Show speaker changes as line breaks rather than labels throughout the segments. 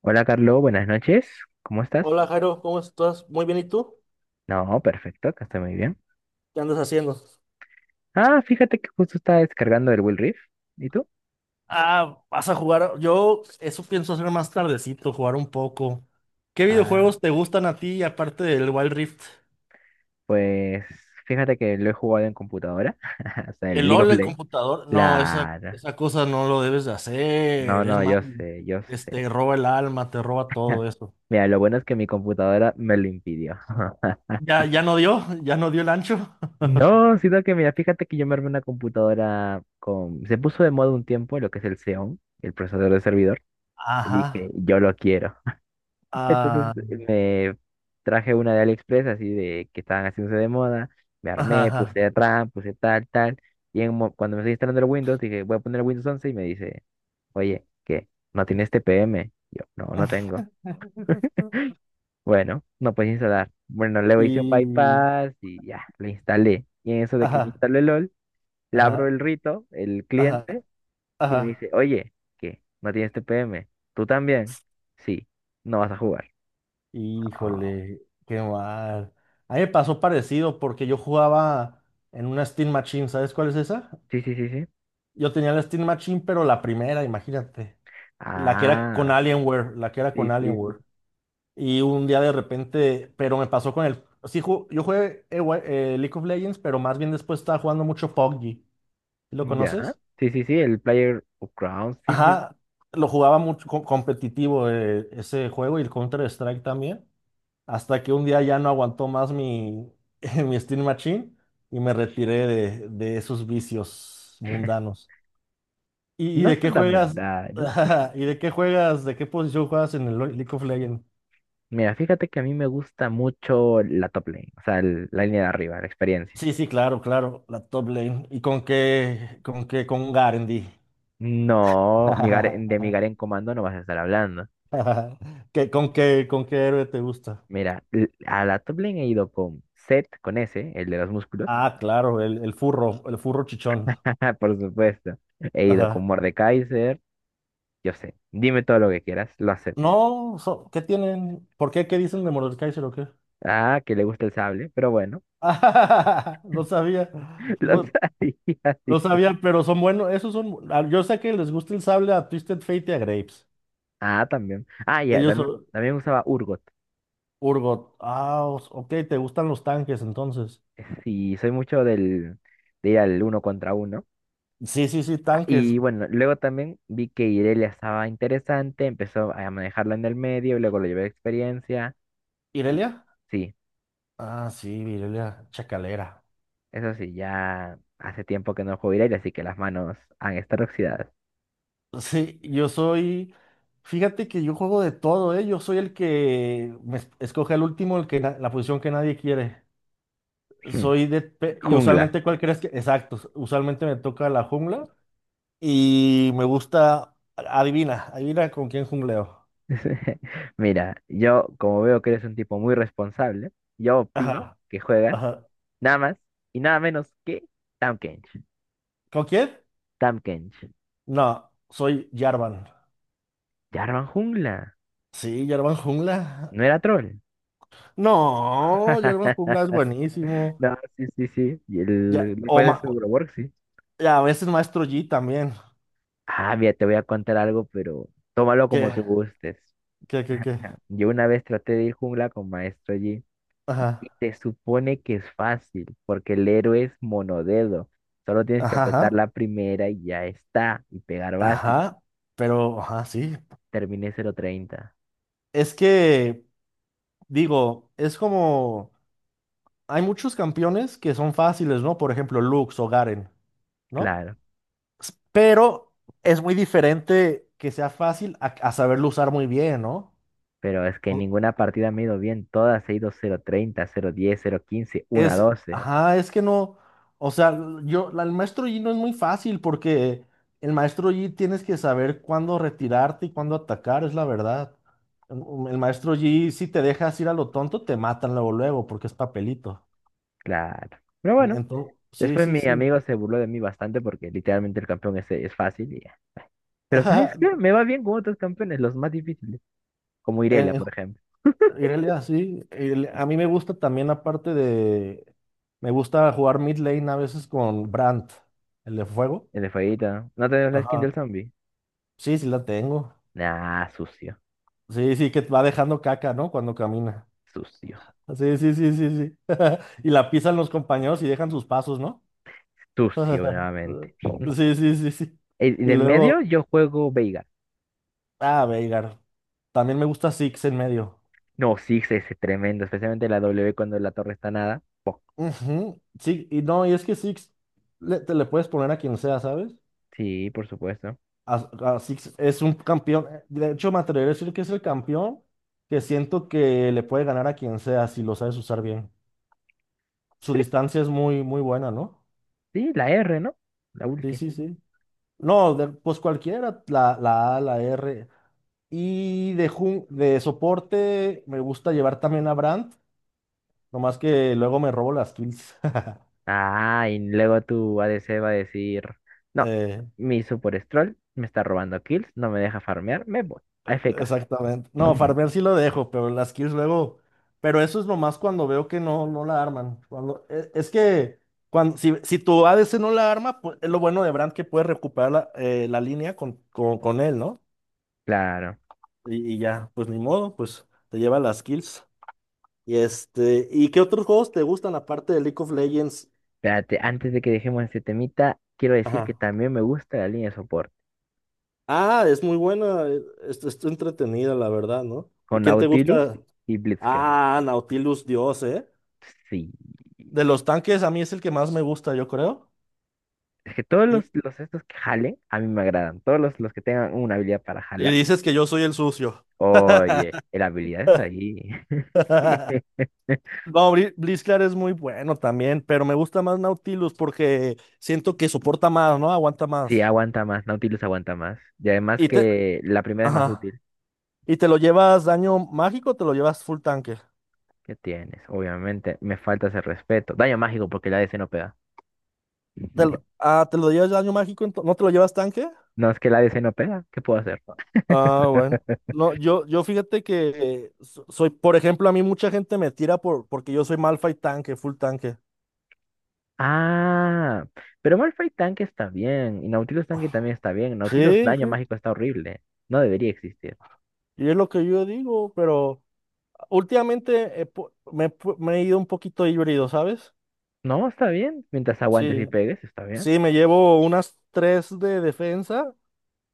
Hola Carlos, buenas noches. ¿Cómo estás?
Hola Jairo, ¿cómo estás? Muy bien, ¿y tú?
No, perfecto, acá estoy muy bien.
¿Qué andas haciendo?
Ah, fíjate que justo estaba descargando el Will Rift. ¿Y tú?
Ah, vas a jugar. Yo eso pienso hacer más tardecito, jugar un poco. ¿Qué
Ah,
videojuegos te gustan a ti aparte del Wild Rift?
pues fíjate que lo he jugado en computadora. O sea, el
El
League of
LOL, el
Legends.
computador. No, esa,
Claro.
esa cosa no lo debes de
No,
hacer. Es
no, yo
malo.
sé, yo sé.
Roba el alma, te roba todo eso.
Mira, lo bueno es que mi computadora me lo impidió.
Ya no dio el ancho.
No, sino que mira, fíjate que yo me armé una computadora con... Se puso de moda un tiempo lo que es el Xeon, el procesador de servidor. Y dije,
Ajá.
yo lo quiero. Entonces
Ah,
me traje una de AliExpress, así de que estaban haciéndose de moda, me
ajá,
armé,
ajá.
puse atrás, puse tal, tal, y cuando me estoy instalando el Windows, dije, voy a poner el Windows 11 y me dice, oye, ¿qué? ¿No tienes TPM? Yo, no, no tengo. Bueno, no puedes instalar. Bueno,
Y.
le hice un bypass y ya, le instalé. Y en eso de que me
Ajá.
instaló el LOL, le abro
Ajá.
el rito, el
Ajá.
cliente, y me dice,
Ajá.
oye, ¿qué? ¿No tienes TPM? ¿Tú también? Sí, no vas a jugar. Ah,
Híjole, qué mal. A mí me pasó parecido porque yo jugaba en una Steam Machine, ¿sabes cuál es esa?
sí, sí, sí, sí.
Yo tenía la Steam Machine, pero la primera, imagínate. La que era con
Ah,
Alienware, la que era
sí,
con
sí, sí.
Alienware. Y un día de repente, pero me pasó con el... Sí, yo jugué League of Legends, pero más bien después estaba jugando mucho PUBG. ¿Lo
Ya.
conoces?
Sí, sí, sí, el Player of Crowns. Sí, sí.
Ajá, lo jugaba mucho competitivo, ese juego y el Counter-Strike también, hasta que un día ya no aguantó más mi Steam Machine y me retiré de esos vicios mundanos. ¿Y
No
de qué
son tan
juegas?
mundanos.
¿Y de qué juegas? ¿De qué posición juegas en el League of Legends?
Mira, fíjate que a mí me gusta mucho la top lane, o sea, la línea de arriba, la experiencia.
Sí, sí, claro, claro, la top lane. ¿Y con Garendi?
No, mi de mi en Comando no vas a estar hablando.
¿Qué, con qué héroe te gusta?
Mira, a la top lane he ido con Zed, con ese, el de los músculos.
Ah, claro, el furro chichón.
Por supuesto. He ido con
Ajá.
Mordekaiser. Yo sé, dime todo lo que quieras, lo acepto.
No, ¿qué tienen? ¿Por qué? ¿Qué dicen de Mordekaiser o qué?
Ah, que le gusta el sable, pero bueno,
No sabía.
lo
Bu-
sabía.
No
Sí.
sabía, pero son buenos. Esos son. Yo sé que les gusta el sable a Twisted Fate y a Grapes.
Ah, también. Ah, ya,
Ellos Ah,
también,
son
también usaba Urgot.
Urgot. Ah, ok, te gustan los tanques entonces.
Sí, soy mucho de ir al uno contra uno.
Sí, sí, sí,
Ah,
tanques.
y bueno, luego también vi que Irelia estaba interesante, empezó a manejarla en el medio, luego lo llevé de experiencia.
¿Irelia?
Y sí,
Ah, sí, Irelia, chacalera.
eso sí, ya hace tiempo que no juego Irelia, así que las manos han estado oxidadas.
Sí, yo soy. Fíjate que yo juego de todo, ¿eh? Yo soy el que escoge el último, el que la posición que nadie quiere.
Hmm,
Soy de. Y
jungla.
usualmente, ¿cuál crees que? Exacto. Usualmente me toca la jungla. Y me gusta. Adivina, adivina con quién jungleo.
Mira, yo como veo que eres un tipo muy responsable, yo opino
Ajá,
que juegas
ajá.
nada más y nada menos que Tahm Kench.
¿Con quién?
Tahm Kench.
No, soy Jarvan.
Ya arman jungla.
Sí, Jarvan Jungla.
No era troll.
No, Jarvan Jungla es buenísimo.
No, sí, sí, sí. Y el,
Ya, o
después de su
ma-
work, sí.
ya, a veces Maestro Yi también.
Ah, mira, te voy a contar algo, pero tómalo
Que,
como tú
bueno,
gustes.
que.
Yo una vez traté de ir jungla con Maestro Yi
Ajá,
y te supone que es fácil, porque el héroe es monodedo. Solo tienes que
ajá,
apretar
ajá.
la primera y ya está, y pegar básico.
Ajá, pero, ajá, sí.
Terminé cero treinta.
Es que, digo, es como. Hay muchos campeones que son fáciles, ¿no? Por ejemplo, Lux o Garen, ¿no?
Claro.
Pero es muy diferente que sea fácil a saberlo usar muy bien, ¿no?
Pero es que en
O-
ninguna partida me ha ido bien, todas he ido 0-30, 0-10, 0-15,
Es,
doce.
ajá, es que no, o sea, yo, el maestro Yi no es muy fácil porque el maestro Yi tienes que saber cuándo retirarte y cuándo atacar, es la verdad. El el maestro Yi, si te dejas ir a lo tonto, te matan luego, luego, porque es papelito.
Claro. Pero bueno,
Entonces,
después
sí, sí,
mi
sí.
amigo se burló de mí bastante porque literalmente el campeón es fácil y ya. Pero ¿sabes qué? Me va bien con otros campeones, los más difíciles. Como Irelia,
En, en
por ejemplo.
En realidad, sí. A mí me gusta también, aparte de. Me gusta jugar mid lane a veces con Brandt, el de fuego.
El de Fueguita. ¿No tenemos la skin del
Ajá.
zombie?
Sí, sí la tengo.
Nah, sucio.
Sí, sí, que va dejando caca, ¿no? Cuando camina.
Sucio.
Sí, sí, sí, sí, sí. Y la pisan los compañeros y dejan sus pasos, ¿no?
Sucio nuevamente.
Sí, sí, sí, sí.
Y
Y
de
luego,
medio yo juego Veigar.
ah, Veigar. También me gusta Six en medio.
No, sí, es tremendo. Especialmente la W cuando la torre está nada. Poc.
Ujú. Sí, y no, y es que Six te le puedes poner a quien sea, ¿sabes?
Sí, por supuesto.
Así es un campeón. De hecho, me atrevería a decir que es el campeón que siento que le puede ganar a quien sea si lo sabes usar bien. Su
Sí,
distancia es muy, muy buena, ¿no?
sí, la R, ¿no? La
Sí,
ulti.
sí, sí. No, pues cualquiera, la, la A, la R. Y de soporte me gusta llevar también a Brandt, nomás que luego me robo las kills.
Ah, y luego tu ADC va a decir, no,
Eh,
mi Super Stroll me está robando kills, no me deja farmear, me voy a AFK.
Exactamente. No, farmear sí lo dejo, pero las kills luego. Pero eso es nomás cuando veo que no, no la arman. Cuando... Es que cuando, si, si tu a ADC no la arma, pues es lo bueno de Brand que puede recuperar la, la línea con él, ¿no?
Claro.
Y ya, pues ni modo, pues te lleva las kills. Y este, ¿y qué otros juegos te gustan aparte de League of Legends?
Espérate, antes de que dejemos este temita, quiero decir que
Ajá.
también me gusta la línea de soporte,
Ah, es muy buena, está entretenida, la verdad, ¿no? ¿Y
con
quién te
Nautilus
gusta?
y Blitzcrank.
Ah, Nautilus Dios, eh.
Sí.
De los tanques, a mí es el que más me gusta, yo creo.
Es que todos
Y,
los estos que jalen, a mí me agradan. Todos los que tengan una habilidad para
y
jalar.
dices que yo soy el sucio.
Oye, la habilidad está ahí.
No, Blitzcrank es muy bueno también, pero me gusta más Nautilus porque siento que soporta más, ¿no? Aguanta
Sí,
más.
aguanta más, Nautilus aguanta más. Y además
Y te,
que la primera es más
ajá.
útil.
¿Y te lo llevas daño mágico o te lo llevas full tanque?
¿Qué tienes? Obviamente, me falta ese respeto. Daño mágico porque la ADC no pega.
Ah, ¿te lo llevas daño mágico? ¿No te lo llevas tanque?
No, es que la ADC no pega. ¿Qué puedo hacer?
Ah, bueno. No, yo fíjate que soy, por ejemplo, a mí mucha gente me tira por, porque yo soy Malphite tanque, full tanque.
Ah, pero Malphite tanque está bien. Y Nautilus tanque también está bien. Nautilus
Sí,
daño
sí.
mágico está horrible. No debería existir.
Y es lo que yo digo, pero últimamente me he ido un poquito híbrido, ¿sabes?
No, está bien. Mientras aguantes y
Sí,
pegues, está bien.
sí, me llevo unas tres de defensa,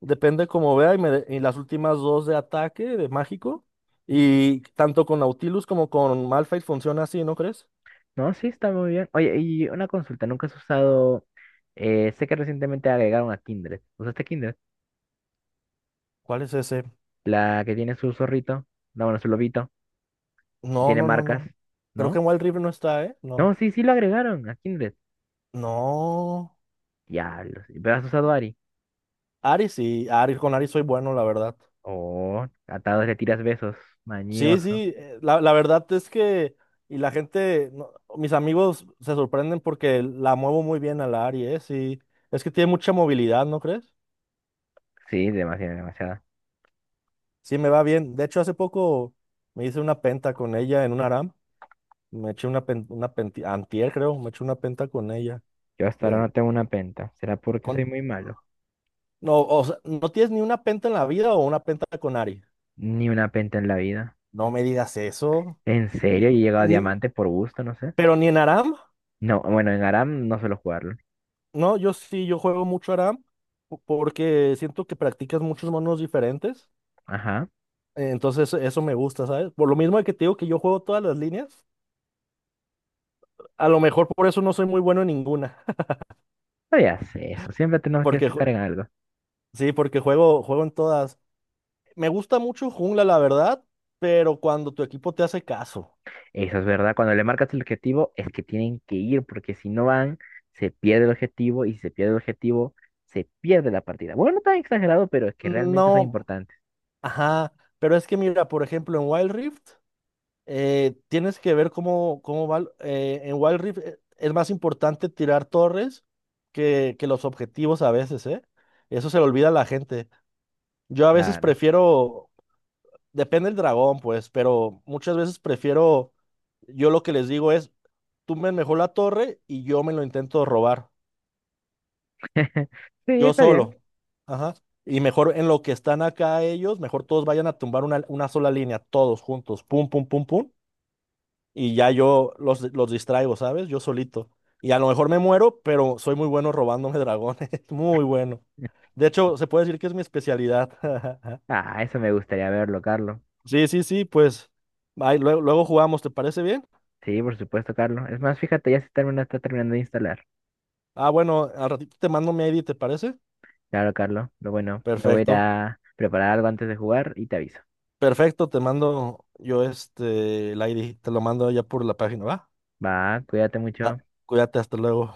depende cómo vea, y, y las últimas dos de ataque, de mágico. Y tanto con Nautilus como con Malphite funciona así, ¿no crees?
No, sí, está muy bien. Oye, y una consulta. ¿Nunca has usado... sé que recientemente agregaron a Kindred. ¿Usaste Kindred?
¿Cuál es ese?
La que tiene su zorrito. No, bueno, su lobito.
No,
Tiene
no, no,
marcas,
no. Creo que
¿no?
en Wild Rift no está, ¿eh?
No,
No.
sí, sí lo agregaron a Kindred.
No.
Diablos. Pero has usado Ari.
Ari sí, Ari, con Ari soy bueno, la verdad.
Oh, atados le tiras besos.
Sí,
Mañoso.
sí, la, la verdad es que, y la gente, no, mis amigos se sorprenden porque la muevo muy bien a la Ari, ¿eh? Sí, es que tiene mucha movilidad, ¿no crees?
Sí, demasiado, demasiado.
Sí, me va bien. De hecho, hace poco me hice una penta con ella en un ARAM. Me eché una, pen- una penti- antier, creo, me eché una penta con ella.
Yo hasta ahora
Eh,
no tengo una penta. ¿Será porque soy
con,
muy malo?
no, o sea, ¿no tienes ni una penta en la vida o una penta con Ari?
Ni una penta en la vida.
No me digas eso.
¿En serio? Y he llegado a
Ni,
diamante por gusto, no sé.
pero ni en ARAM.
No, bueno, en Aram no suelo jugarlo.
No, yo sí, yo juego mucho ARAM porque siento que practicas muchos monos diferentes.
Ajá.
Entonces eso me gusta, ¿sabes? Por lo mismo de que te digo que yo juego todas las líneas, a lo mejor por eso no soy muy bueno en ninguna.
No ya sé eso. Siempre tenemos que
Porque
destacar en algo.
sí, porque juego en todas. Me gusta mucho jungla, la verdad, pero cuando tu equipo te hace caso.
Eso es verdad. Cuando le marcas el objetivo, es que tienen que ir, porque si no van, se pierde el objetivo, y si se pierde el objetivo, se pierde la partida. Bueno, no tan exagerado, pero es que realmente son
No,
importantes.
ajá. Pero es que mira, por ejemplo, en Wild Rift. Tienes que ver cómo, cómo va. En Wild Rift es más importante tirar torres que los objetivos a veces, ¿eh? Eso se le olvida a la gente. Yo a veces
Claro.
prefiero, depende del dragón, pues, pero muchas veces prefiero, yo lo que les digo es, tumben mejor la torre y yo me lo intento robar,
Sí,
yo
está bien.
solo. Ajá. Y mejor en lo que están acá ellos, mejor todos vayan a tumbar una sola línea, todos juntos, pum, pum, pum, pum, y ya yo los distraigo, ¿sabes? Yo solito. Y a lo mejor me muero, pero soy muy bueno robándome dragones, muy bueno. De hecho, se puede decir que es mi especialidad.
Ah, eso me gustaría verlo, Carlos.
Sí, sí, sí, pues ahí luego, luego jugamos, ¿te parece bien?
Sí, por supuesto, Carlos. Es más, fíjate, ya se termina, está terminando de instalar.
Ah, bueno, al ratito te mando mi ID, ¿te parece?
Claro, Carlos. Pero bueno, me voy a ir
Perfecto,
a preparar algo antes de jugar y te aviso.
perfecto, te mando yo este, el ID, te lo mando ya por la página, ¿va?
Va, cuídate
Ah,
mucho.
cuídate, hasta luego.